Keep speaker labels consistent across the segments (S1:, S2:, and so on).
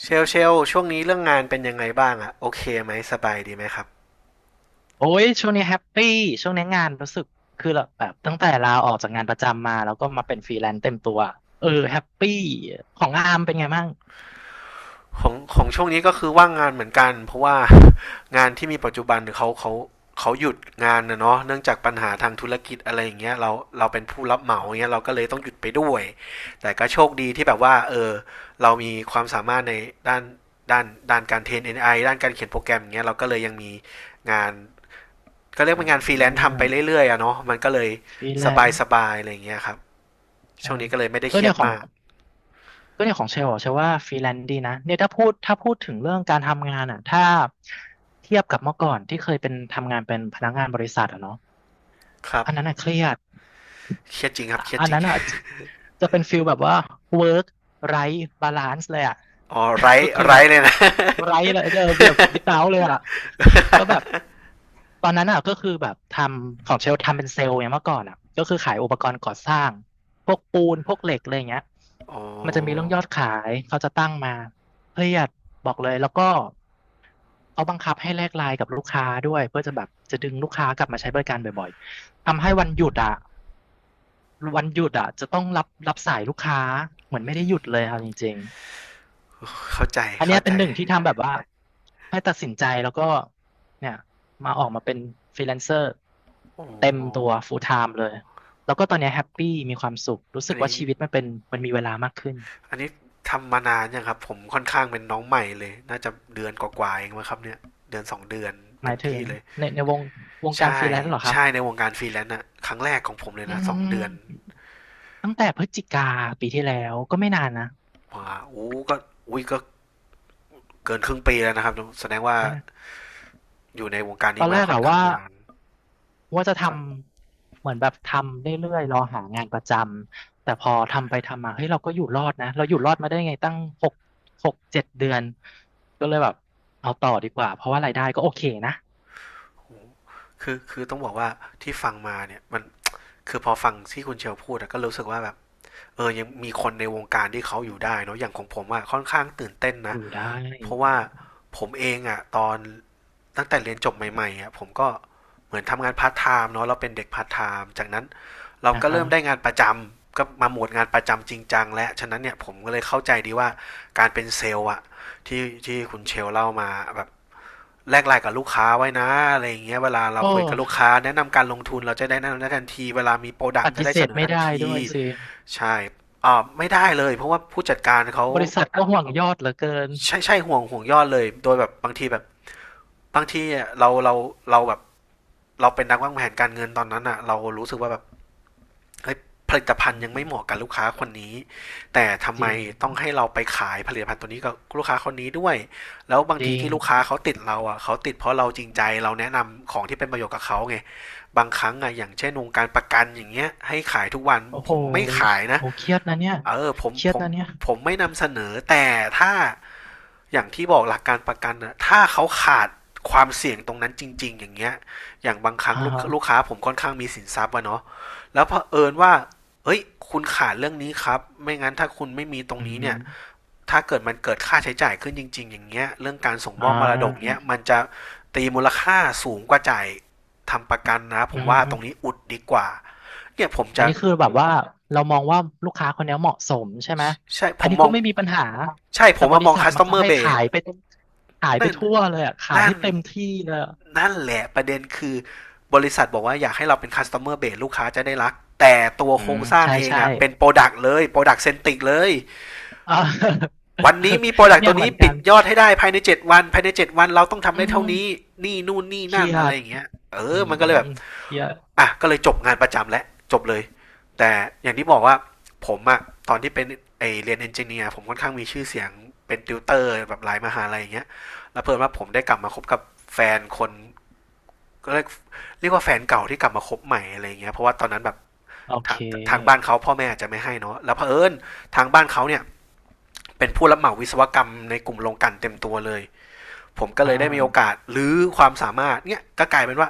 S1: เชลช่วงนี้เรื่องงานเป็นยังไงบ้างอะโอเคไหมสบายดีไหมครับ
S2: โอ้ยช่วงนี้แฮปปี้ช่วงนี้งานรู้สึกคือแบบตั้งแต่ลาออกจากงานประจำมาแล้วก็มาเป็นฟรีแลนซ์เต็มตัวเออแฮปปี้ของอาร์มเป็นไงบ้าง
S1: ของช่วงนี้ก็คือว่างงานเหมือนกันเพราะว่างานที่มีปัจจุบันเขาหยุดงานนะเนาะเนื่องจากปัญหาทางธุรกิจอะไรอย่างเงี้ยเราเป็นผู้รับเหมา
S2: อ๋อ
S1: เงี้ยเราก็เลยต้องหยุดไปด้วยแต่ก็โชคดีที่แบบว่าเรามีความสามารถในด้านด้านด้านการเทรนเอไอด้านการเขียนโปรแกรมอย่างเงี้ยเราก็เลยยังมีงานก็เรียก
S2: อ่
S1: เป็นงานฟ
S2: า
S1: รีแลนซ์ทำไปเรื่อยๆอะเนาะมันก็เลย
S2: ฟรีแลนซ์
S1: สบายๆอะไรอย่างเงี้ยครับ
S2: ใช่
S1: ช่วงนี้ก็เลยไม่ได้
S2: ก็
S1: เครี
S2: เนี่
S1: ยด
S2: ยของ
S1: มาก
S2: ก็เนี่ยของเชลล์อะเชลว่าฟรีแลนซ์ดีนะเนี่ยถ้าพูดถึงเรื่องการทำงานอ่ะถ้าเทียบกับเมื่อก่อนที่เคยเป็นทำงานเป็นพนักงานบริษัทอ่ะเนาะ
S1: ครับ
S2: อันนั้นอ่ะเครียด
S1: เครียดจริงครับ
S2: อะ
S1: เครียด
S2: อัน
S1: จริง
S2: นั้นอ่ะจะจะเป็นฟิลแบบว่า work ไร้บาลานซ์เลยอ่ะ
S1: อ๋อไร
S2: ก็คือ
S1: ไร
S2: แบบ
S1: เลยนะ
S2: ไร้ เลยเออแบบวิตาเลยอ่ะก็แบบตอนนั้นอ่ะก็คือแบบทำของเชลทำเป็นเซลล์เนี่ยเมื่อก่อนอ่ะก็คือขายอุปกรณ์ก่อสร้างพวกปูนพวกเหล็กอะไรอย่างเงี้ย
S1: อ๋อ
S2: มันจะมีเรื่องยอดขายเขาจะตั้งมาเครียดบอกเลยแล้วก็เขาบังคับให้แลกไลน์กับลูกค้าด้วยเพื่อจะแบบจะดึงลูกค้ากลับมาใช้บริการบ่อยๆทำให้วันหยุดอ่ะ วันหยุดอ่ะจะต้องรับสายลูกค้าเหมือนไม่ได้หยุดเลยค่ะจริง
S1: เข้าใจ
S2: ๆอันเนี้
S1: เข้า
S2: ยเป็
S1: ใจ
S2: นหนึ่งที่ทำแบบว่าให้ตัดสินใจแล้วก็เนี่ยมาออกมาเป็นฟรีแลนเซอร์
S1: อ๋
S2: เต็มตัว
S1: อ
S2: full time เลยแล้วก็ตอนเนี้ยแฮปปี้มีความสุขรู้สึ
S1: อัน
S2: กว่า
S1: นี้
S2: ชีวิตมันเป็นมันมีเวลามากขึ้น
S1: อันนี้ทำมานานยังครับผมค่อนข้างเป็นน้องใหม่เลยน่าจะเดือนกว่าๆเองมั้งครับเนี่ยเดือนสองเดือน
S2: ห
S1: เต็
S2: มาย
S1: ม
S2: ถึ
S1: ที่
S2: ง
S1: เลย
S2: ในวงวงการฟ
S1: ใช่
S2: รีแลนซ์เหรอครับ
S1: ใช่ในวงการฟรีแลนซ์อะครั้งแรกของผมเลย
S2: อื
S1: นะสองเดือน
S2: มตั้งแต่พฤศจิกาปีที่แล้วก็ไม่นานนะ
S1: ว้าโอ้ก็อุ้ยก็เกินครึ่งปีแล้วนะครับแสดงว่า
S2: ไม่นาน
S1: อยู่ในวงการ
S2: ต
S1: นี้
S2: อนแร
S1: มา
S2: ก
S1: ค่อน
S2: อะ
S1: ข้าง
S2: ว่า
S1: นาน
S2: ว่าจะท
S1: ครับ
S2: ำเหมือนแบบทำเรื่อยๆรอหางานประจำแต่พอทำไปทำมาเฮ้ยเราก็อยู่รอดนะเราอยู่รอดมาได้ไงตั้งหกหกเจ็ดเดือนก็เลยแบบเอาต่อดีกว่าเพราะว่ารายได้ก็โอเคนะ
S1: คือต้องบอกว่าที่ฟังมาเนี่ยมันคือพอฟังที่คุณเชลพูดก็รู้สึกว่าแบบเออยังมีคนในวงการที่เขาอยู่ได้เนาะอย่างของผมอะค่อนข้างตื่นเต้น
S2: อ
S1: นะ
S2: ยู่ได้
S1: เพราะว่าผมเองอะตอนตั้งแต่เรียนจบใหม่ๆอะผมก็เหมือนทำงานพาร์ทไทม์เนาะเราเป็นเด็กพาร์ทไทม์จากนั้นเรา
S2: นะ
S1: ก็
S2: ฮะ
S1: เริ่มได้งานประจำก็มาโหมดงานประจำจริงจังและฉะนั้นเนี่ยผมก็เลยเข้าใจดีว่าการเป็นเซลล์อะที่ที่คุณเชลเล่ามาแบบ แลกไลน์กับลูกค้าไว้นะอะไรอย่างเงี้ยเวลาเรา
S2: โอ้
S1: คุยกับลูกค้าแนะนำการลงทุนเราจะได้แนะนำได้ทันทีเวลามีโปรดัก
S2: ป
S1: ต์จะ
S2: ฏิ
S1: ได้
S2: เส
S1: เส
S2: ธ
S1: นอ
S2: ไม่
S1: ทัน
S2: ได้
S1: ที
S2: ด้วยสิ
S1: ใช่อ่าไม่ได้เลยเพราะว่าผู้จัดการเขา
S2: บริษัทก็ห่วงยอดเหลือเกิน
S1: ใช่ใช่ห่วงยอดเลยโดยแบบบางทีแบบบางทีอะเราเราเราแบบเราเป็นนักวางแผนการเงินตอนนั้นอะเรารู้สึกว่าแบบ ผลิต
S2: อื
S1: ภัณฑ์ยังไม่เห
S2: ม
S1: มาะกับลูกค้าคนนี้แต่ทำ
S2: จ
S1: ไม
S2: ริง
S1: ต้องให้เราไปขายผลิตภัณฑ์ตัวนี้กับลูกค้าคนนี้ด้วยแล้วบาง
S2: จ
S1: ที
S2: ริง
S1: ที่ลูกค้าเขาติดเราอ่ะเขาติดเพราะเราจริงใจเราแนะนำของที่เป็นประโยชน์กับเขาไงบางครั้งอ่ะอย่างเช่นวงการประกันอย่างเงี้ยให้ขายทุกวัน
S2: โอ้
S1: ผ
S2: โห
S1: มไม่ขายนะ
S2: โอ้เครียดนะเนี่ย
S1: เออผม
S2: เครีย
S1: ผ
S2: ด
S1: ม
S2: นะเนี่ย
S1: ผมไม่นำเสนอแต่ถ้า อย่างที่บอกหลักการประกันนะถ้าเขาขาดความเสี่ยงตรงนั้นจริงๆอย่างเงี้ยอย่างบางครั้ง
S2: อ่า
S1: ลูก
S2: ฮะ
S1: ลูกค้าผมค่อนข้างมีสินทรัพย์อะเนาะแล้วเผอิญว่าเฮ้ยคุณขาดเรื่องนี้ครับไม่งั้นถ้าคุณไม่มีตรง
S2: อืมอ
S1: นี้
S2: หื
S1: เนี่
S2: อ
S1: ยถ้าเกิดมันเกิดค่าใช้จ่ายขึ้นจริงๆอย่างเงี้ยเรื่องการส่งม
S2: อ่
S1: อบมรดกเนี้ย
S2: า
S1: มันจะตีมูลค่าสูงกว่าจ่ายทำประกันนะผ
S2: อื
S1: มว่าตรงนี้
S2: ม
S1: อุดดีกว่าเนี่ยผม
S2: อัน
S1: จะ
S2: นี้คือแบบว่าเรามองว่าลูกค้าคนเนี้ยเหมาะสมใช่ไหม
S1: ใช่ผ
S2: อัน
S1: ม
S2: นี้
S1: ม
S2: ก็
S1: อง
S2: ไม่มีปัญหา
S1: ใช่ผ
S2: แต่
S1: ม
S2: บ
S1: มา
S2: ริ
S1: มอง
S2: ษัทมักจะ
S1: customer
S2: ให้ขา
S1: base
S2: ยไปขายไป
S1: นั่น
S2: ทั่วเลยอ่ะขาย
S1: นั่
S2: ให้
S1: น
S2: เต็มที่เลยอะ
S1: นั่นแหละประเด็นคือบริษัทบอกว่าอยากให้เราเป็น customer base ลูกค้าจะได้รักแต่ตัว
S2: อื
S1: โคร
S2: ม
S1: งสร้าง
S2: ใช่
S1: เอง
S2: ใช่
S1: อะเป็น product เลย product centric เลย
S2: อ่า
S1: วันนี้มี product
S2: เนี่
S1: ตั
S2: ย
S1: ว
S2: เหมื
S1: นี้
S2: อนกั
S1: ปิด
S2: น
S1: ยอดให้ได้ภายใน7วันภายใน7วันเราต้อง
S2: อื
S1: ทำได้เท่า
S2: ม
S1: นี้นี่นู่นนี่
S2: เครี
S1: นั่น
S2: ย
S1: อะไร
S2: ด
S1: อย่างเงี้ยเอ
S2: อื
S1: อมันก็เลยแบบ
S2: มเครียด
S1: อ่ะก็เลยจบงานประจำและจบเลยแต่อย่างที่บอกว่าผมอะตอนที่เป็นไอเรียนเอนจิเนียร์ผมค่อนข้างมีชื่อเสียงเป็นติวเตอร์แบบหลายมหาลัยอย่างเงี้ยแล้วเพิ่มว่าผมได้กลับมาคบกับแฟนคน ก็เรียกว่าแฟนเก่าที่กลับมาคบใหม่อะไรเงี้ยเพราะว่าตอนนั้นแบบ
S2: โอเค
S1: ทางทางบ้านเขาพ่อแม่อาจจะไม่ให้เนาะแล้วเผอิญทางบ้านเขาเนี่ยเป็นผู้รับเหมาวิศวกรรมในกลุ่มโรงกลันเต็มตัวเลย ผมก็
S2: อ่
S1: เลยได้มีโอ
S2: า
S1: กาสหรือความสามารถเนี่ยก็กลายเป็นว่า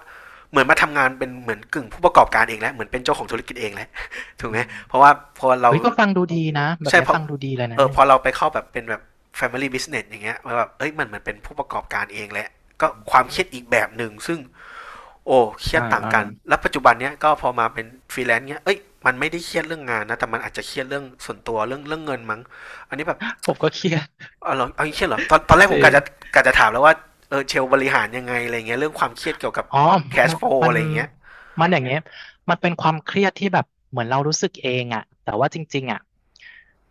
S1: เหมือนมาทำงานเป็นเหมือนกึ่งผู้ประกอบการเองแล้วเหมือนเป็นเจ้าของธุรกิจเองแล้ว
S2: อื
S1: ถูกไหมเพราะ
S2: ม
S1: ว่าพอเรา
S2: เฮ้ยก็ฟังดูดีนะแบบ
S1: ใช่
S2: เนี้
S1: เพ
S2: ย
S1: ราะ
S2: ฟังดูดีเลย
S1: เอ
S2: นะ
S1: อ
S2: เนี่
S1: พ
S2: ย
S1: อเราไปเข้าแบบเป็นแบบ Family Business อย่างเงี้ยมัแบบเอ้ยมันเหมือนเป็นผู้ประกอบการเองแลลว
S2: อ
S1: ก็ความเค
S2: ื
S1: รี
S2: ม
S1: ยดอีกแบบหนึ่งซึ่ง โอ้เครีย
S2: อ่า
S1: ดต่าง
S2: อ่า
S1: กันแล้วปัจจุบันเนี้ยก็พอมาเป็นฟรีแลนซ์เนี้ยเอ้ยมันไม่ได้เครียดเรื่องงานนะแต่มันอาจจะเครียดเรื่องส่วนตัวเรื่องเงินมั้งอันนี้แบบ
S2: ผมก็เครียด
S1: เอาเหรอเอา่งเครียดเหรอตอนแรก
S2: จ
S1: ผม
S2: ริ
S1: กะ
S2: ง
S1: จะกะจะถามแล้วว่าเออเชลบริหารยังไงอะไรเงี้ยเรื่องความเครียดเกี่ยวกับ
S2: อ๋อ
S1: แคช
S2: มัน
S1: โฟล
S2: มัน
S1: อะไรเงี้ย
S2: มันอย่างเงี้ยมันเป็นความเครียดที่แบบเหมือนเรารู้สึกเองอะแต่ว่าจริงๆอะ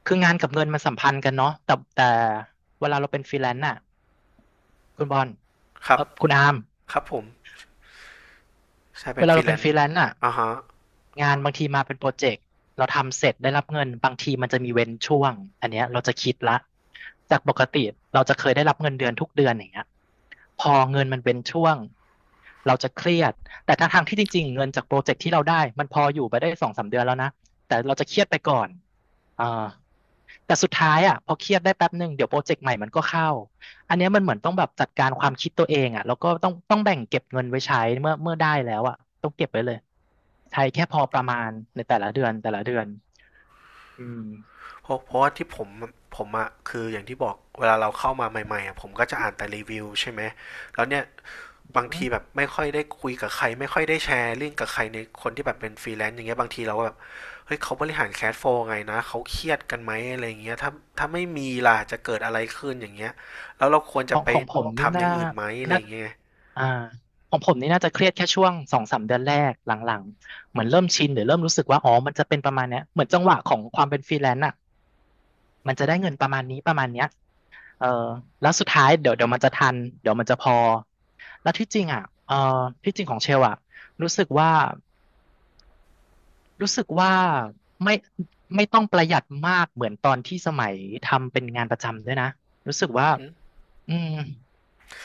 S2: คืองานกับเงินมันสัมพันธ์กันเนาะแต่เวลาเราเป็นฟรีแลนซ์อะคุณบอล
S1: ครั
S2: เอ
S1: บ
S2: อคุณอาร์ม
S1: ครับผมใช่เป็
S2: เว
S1: น
S2: ลา
S1: ฟรี
S2: เรา
S1: แล
S2: เป็น
S1: น
S2: ฟรี
S1: ซ์
S2: แลนซ์อะ
S1: อ่าฮะ
S2: งานบางทีมาเป็นโปรเจกต์เราทำเสร็จได้รับเงินบางทีมันจะมีเว้นช่วงอันเนี้ยเราจะคิดละจากปกติเราจะเคยได้รับเงินเดือนทุกเดือนอย่างเงี้ยพอเงินมันเว้นช่วงเราจะเครียดแต่ทั้งทางที่จริงๆเงินจากโปรเจกต์ที่เราได้มันพออยู่ไปได้สองสามเดือนแล้วนะแต่เราจะเครียดไปก่อนอ่าแต่สุดท้ายอ่ะพอเครียดได้แป๊บหนึ่งเดี๋ยวโปรเจกต์ใหม่มันก็เข้า อันเนี้ยมันเหมือนต้องแบบจัดการความคิดตัวเองอ่ะแล้วก็ต้องแบ่งเก็บเงินไว้ใช้เมื่อได้แล้วอ่ะต้องเก็บไว้เลยใช้แค่พอประมาณในแต่ละเดือนแต่ละเดือนอืม
S1: เพราะว่าที่ผมผมอะ คืออย่างที่บอกเวลาเราเข้ามาใหม่ๆอะผมก็จะอ่านแต่รีวิวใช่ไหมแล้วเนี่ย บางทีแบบไม่ค่อยได้คุยกับใคร ไม่ค่อยได้แชร์เรื่องกับใครในคนที่แบบเป็นฟรีแลนซ์อย่างเงี้ยบางทีเราก็แบบเฮ้ยเขาบริหารแคชโฟลว์ไงนะเขาเครียดกันไหมอะไรอย่างเงี้ยถ้าไม่มีล่ะจะเกิดอะไรขึ้นอย่างเงี้ยแล้วเราควร
S2: ข
S1: จะ
S2: อง
S1: ไป
S2: ของผมนี่
S1: ทำอ
S2: น่า
S1: ย่างอื่นไหมอะไร
S2: น่า
S1: อย่างเงี้ย
S2: อ่าของผมนี่น่าจะเครียดแค่ช่วงสองสามเดือนแรกหลังๆเหมือนเริ่มชินหรือเริ่มรู้สึกว่าอ๋อมันจะเป็นประมาณเนี้ยเหมือนจังหวะของความเป็นฟรีแลนซ์อ่ะมันจะได้เงินประมาณนี้ประมาณเนี้ยเออแล้วสุดท้ายเดี๋ยวเดี๋ยวมันจะทันเดี๋ยวมันจะพอแล้วที่จริงอ่ะเออที่จริงของเชลอ่ะรู้สึกว่า รู้สึกว่าไม่ไม่ต้องประหยัดมากเหมือนตอนที่สมัยทำเป็นงานประจำด้วยนะรู้สึกว่า
S1: อืม
S2: อืม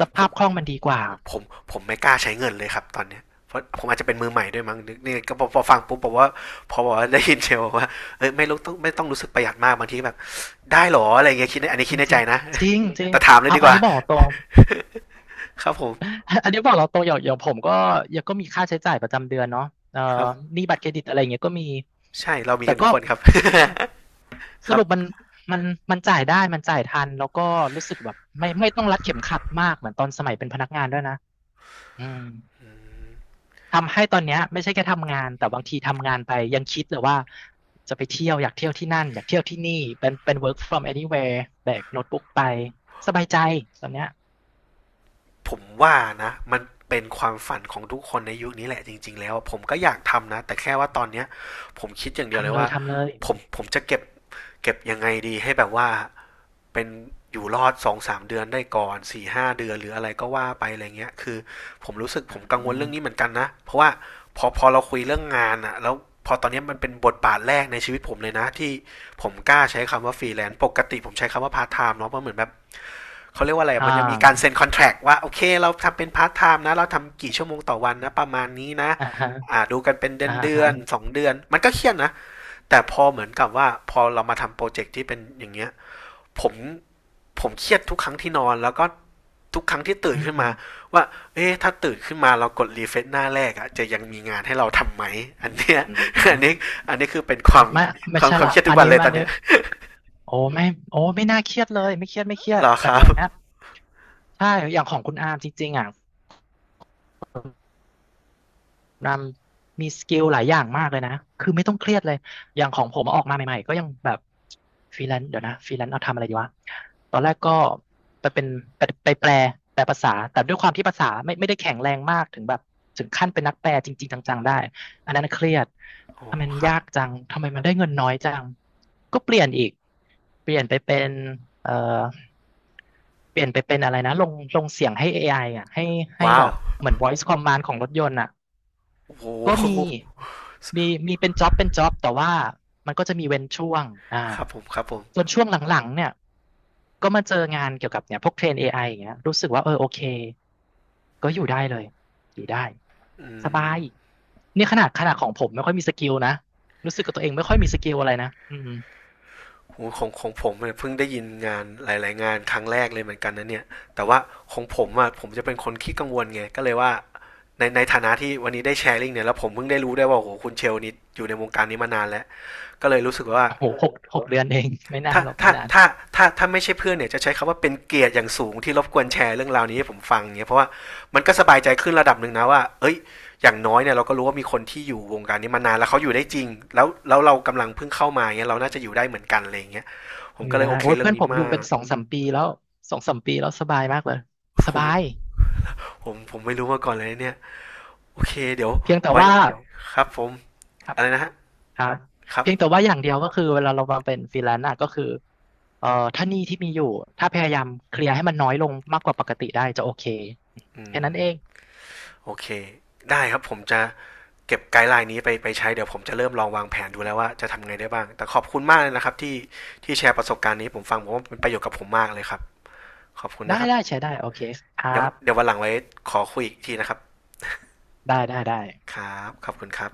S2: ส
S1: ผ
S2: ภาพคล่อง
S1: ม
S2: มันดีกว่า
S1: ผมผมไม่กล้าใช้เงินเลยครับตอนเนี้ยเพราะผมอาจจะเป็นมือใหม่ด้วยมั้งนกี่ก็พอฟังปุ๊บบอกว่าพอบอกว่าได้ยินเชลว่าเอ้ยไม่ต้องรู้สึกประหยัดมากบางทีแบบได้หรออะไรเงี้ยคิดในอันนี้
S2: จ
S1: คิ
S2: ริ
S1: ด
S2: ง
S1: ใน
S2: จ
S1: ใจ
S2: ริง
S1: นะ
S2: จริงจริง
S1: แต่ถามเลย
S2: เอา
S1: ดี
S2: อั
S1: ก
S2: น
S1: ว่า
S2: นี้บอกตรง
S1: ครับผม
S2: อันนี้บอกเราตรงอย่างอย่างผมก็ยังก็มีค่าใช้จ่ายประจำเดือนเนาะเอ่อ
S1: ครับ
S2: หนี้บัตรเครดิตอะไรเงี้ยก็มี
S1: ใช่เรามี
S2: แต่
S1: กันทุก
S2: ก็
S1: คนครับ ค
S2: ส
S1: รับ
S2: รุปมันมันจ่ายได้มันจ่ายทันแล้วก็รู้สึกแบบไม่ต้องรัดเข็มขัดมากเหมือนตอนสมัยเป็นพนักงานด้วยนะอืม ทำให้ตอนเนี้ยไม่ใช่แค่ทำงานแต่บางทีทำงานไปยังคิดเลยว่าจะไปเที่ยวอยากเที่ยวที่นั่นอยากเที่ยวที่นี่เป็น work from anywhere แบกโน้ตบุ๊กไปสบายใจตอนเนี้ย
S1: ผมว่านะมันเป็นความฝันของทุกคนในยุคนี้แหละจริงๆแล้วผมก็อยากทำนะแต่แค่ว่าตอนเนี้ยผมคิดอย่างเดียวเล
S2: ทำ
S1: ย
S2: เลย
S1: ว่า
S2: ทำเลย
S1: ผมจะเก็บเก็บยังไงดีให้แบบว่าเป็นอยู่รอด2 ถึง 3 เดือนได้ก่อน4 ถึง 5 เดือนหรืออะไรก็ว่าไปอะไรเงี้ยคือผมรู้สึก
S2: อ่
S1: ผมกังวลเรื่องนี้เห
S2: า
S1: มือนกันนะเพราะว่าพอเราคุยเรื่องงานอะแล้วพอตอนนี้มันเป็นบทบาทแรกในชีวิตผมเลยนะที่ผมกล้าใช้คำว่าฟรีแลนซ์ปกติผมใช้คำว่าพาร์ทไทม์เนาะเพราะเหมือนแบบ เขาเรียกว่าอะไร
S2: อ่
S1: มันยังมีการ
S2: า
S1: เซ็นคอนแท c t ว่าโอเคเราทำเป็นพาร์ทไทม์นะเราทำกี่ชั่วโมงต่อวันนะประมาณนี้นะ
S2: อ่าฮะ
S1: อ่าดูกันเป็นเดือ
S2: อ่า
S1: นเดือ
S2: ฮะ
S1: น2 เดือนมันก็เครียดนะแต่พอเหมือนกับว่าพอเรามาทำโปรเจกต์ที่เป็นอย่างเงี้ยผมผมเครียดทุกครั้งที่นอนแล้วก็ทุกครั้งที่ตื่น
S2: อืม
S1: ขึ้น
S2: อ
S1: มาว่าเอ๊ะถ้าตื่นขึ้นมาเรากดรีเฟซหน้าแรกอะจะยังมีงานให้เราทำไหมอันเนี้ย
S2: ื
S1: อันนี้
S2: ม
S1: อันนี้คือเป็นความ
S2: ไม่
S1: ค
S2: ไม่
S1: วาม
S2: ใช่
S1: ความ
S2: ละ
S1: เครียดทุ
S2: อั
S1: ก
S2: น
S1: วัน
S2: นี้
S1: เลยต
S2: อั
S1: อ
S2: น
S1: น
S2: นี้
S1: เนี้ย
S2: โอ้ไม่โอ้ไม่น่าเครียดเลยไม่เครียดไม่เครีย
S1: ห
S2: ด
S1: รอ
S2: แบ
S1: ค
S2: บ
S1: รับ
S2: เนี้ยใช่อย่างของคุณอาร์มจริงๆอ่ะ รำมีสกิลหลายอย่างมากเลยนะคือไม่ต้องเครียดเลย อย่างของผมออกมาใหม่ๆก็ยังแบบฟรีแลนซ์เดี๋ยวนะฟรีแลนซ์เอาทำอะไรดีวะ ตอนแรกก็ไปเป็นไปแปลภาษา แต่ด้วยความที่ภาษาไม่ได้แข็งแรงมากถึงแบบถึงขั้นเป็นนักแปลจริงๆจังๆได้ อันนั้นเครียด
S1: โอ้
S2: ทำไมมัน
S1: ครับ
S2: ยากจังทำไมมันได้เงินน้อยจังก็เปลี่ยนอีกเปลี่ยนไปเป็นเอ่อเปลี่ยนไปเป็นอะไรนะลงเสียงให้ AI อไออ่ะให้ให้
S1: ว้า
S2: แบ
S1: ว
S2: บเหมือน voice command ของรถยนต์อ่ะ
S1: โอ้โห
S2: ก็มีมีมีเป็นจ็อบเป็นจ็อบแต่ว่ามันก็จะมีเว้นช่วงอ่า
S1: ครับผมครับผม
S2: จนช่วงหลังๆเนี่ยก็มาเจองานเกี่ยวกับเนี่ยพวกเทรน AI อไออย่างเงี้ยรู้สึกว่าเออโอเคก็อยู่ได้เลยอยู่ได้
S1: อื
S2: สบา
S1: ม
S2: ยเนี่ยขนาดของผมไม่ค่อยมีสกิลนะรู้สึกกับตัวเองไม่ค่อยมีสกิลอะไรนะอืม
S1: โหของของผมเนี่ยเพิ่งได้ยินงานหลายๆงานครั้งแรกเลยเหมือนกันนะเนี่ยแต่ว่าของผมอ่ะผมจะเป็นคนขี้กังวลไงก็เลยว่าในฐานะที่วันนี้ได้แชร์ลิงก์เนี่ยแล้วผมเพิ่งได้รู้ได้วยว่าโอ้โหคุณเชลนี่อยู่ในวงการนี้มานานแล้วก็เลยรู้สึกว่า
S2: โอ้โหหกเดือนเอง ไม่นาน
S1: ถ้า
S2: หรอกไม่
S1: ถ้า
S2: นาน
S1: ถ้าถ้าไม่ใช่เพื่อนเนี่ยจะใช้คำว่าเป็นเกียรติอย่างสูงที่รบกวนแชร์เรื่องราวนี้ให้ผมฟังเนี่ยเพราะว่ามันก็สบายใจขึ้นระดับหนึ่งนะว่าเอ้ยอย่างน้อยเนี่ยเราก็รู้ว่ามีคนที่อยู่วงการนี้มานานแล้วเขาอยู่ได้จริงแล้วเรากำลังเพิ่งเข้ามาเนี่ยเราน่าจะอยู่ได้เหมือนกันอะไรอย่างเงี้ยผม
S2: อยู่
S1: ก็เล
S2: ได้
S1: ยโอเค
S2: โอ้ย
S1: เรื่อ
S2: เพื่
S1: ง
S2: อนผ
S1: นี้
S2: มอยู่
S1: มา
S2: เป็น
S1: ก
S2: สองสามปีแล้วสองสามปีแล้วสบายมากเลย
S1: ผ
S2: สบา
S1: ม
S2: ย
S1: ผมไม่รู้มาก่อนเลยเนี่ยโอเคเดี๋ยว
S2: เพียงแต่
S1: ไว้
S2: ว่า
S1: ครับผม
S2: ครับ
S1: อะไรนะฮะ
S2: ครับ
S1: ครับ
S2: เพียงแต่ว่าอย่างเดียวก็คือเวลาเรามาเป็นฟรีแลนซ์อะก็คือเอ่อถ้าหนี้ที่มีอยู่ถ้าพยายามเคลียร์ให้มันน้อยลงมากกว่าปกติได้จะโอเค
S1: อื
S2: แค่นั้
S1: ม
S2: นเอง
S1: โอเคได้ครับผมจะเก็บไกด์ไลน์นี้ไปไปใช้เดี๋ยวผมจะเริ่มลองวางแผนดูแล้วว่าจะทำไงได้บ้างแต่ขอบคุณมากเลยนะครับที่ที่แชร์ประสบการณ์นี้ผมฟังผมว่าเป็นประโยชน์กับผมมากเลยครับขอบคุณ
S2: ได้
S1: นะครั
S2: ได้
S1: บ
S2: ใช้ได้โอเคครั
S1: เดี๋ยว
S2: บ
S1: วันหลังไว้ขอคุยอีกทีนะครับ
S2: ได้ได้ได้
S1: ครับขอบคุณครับ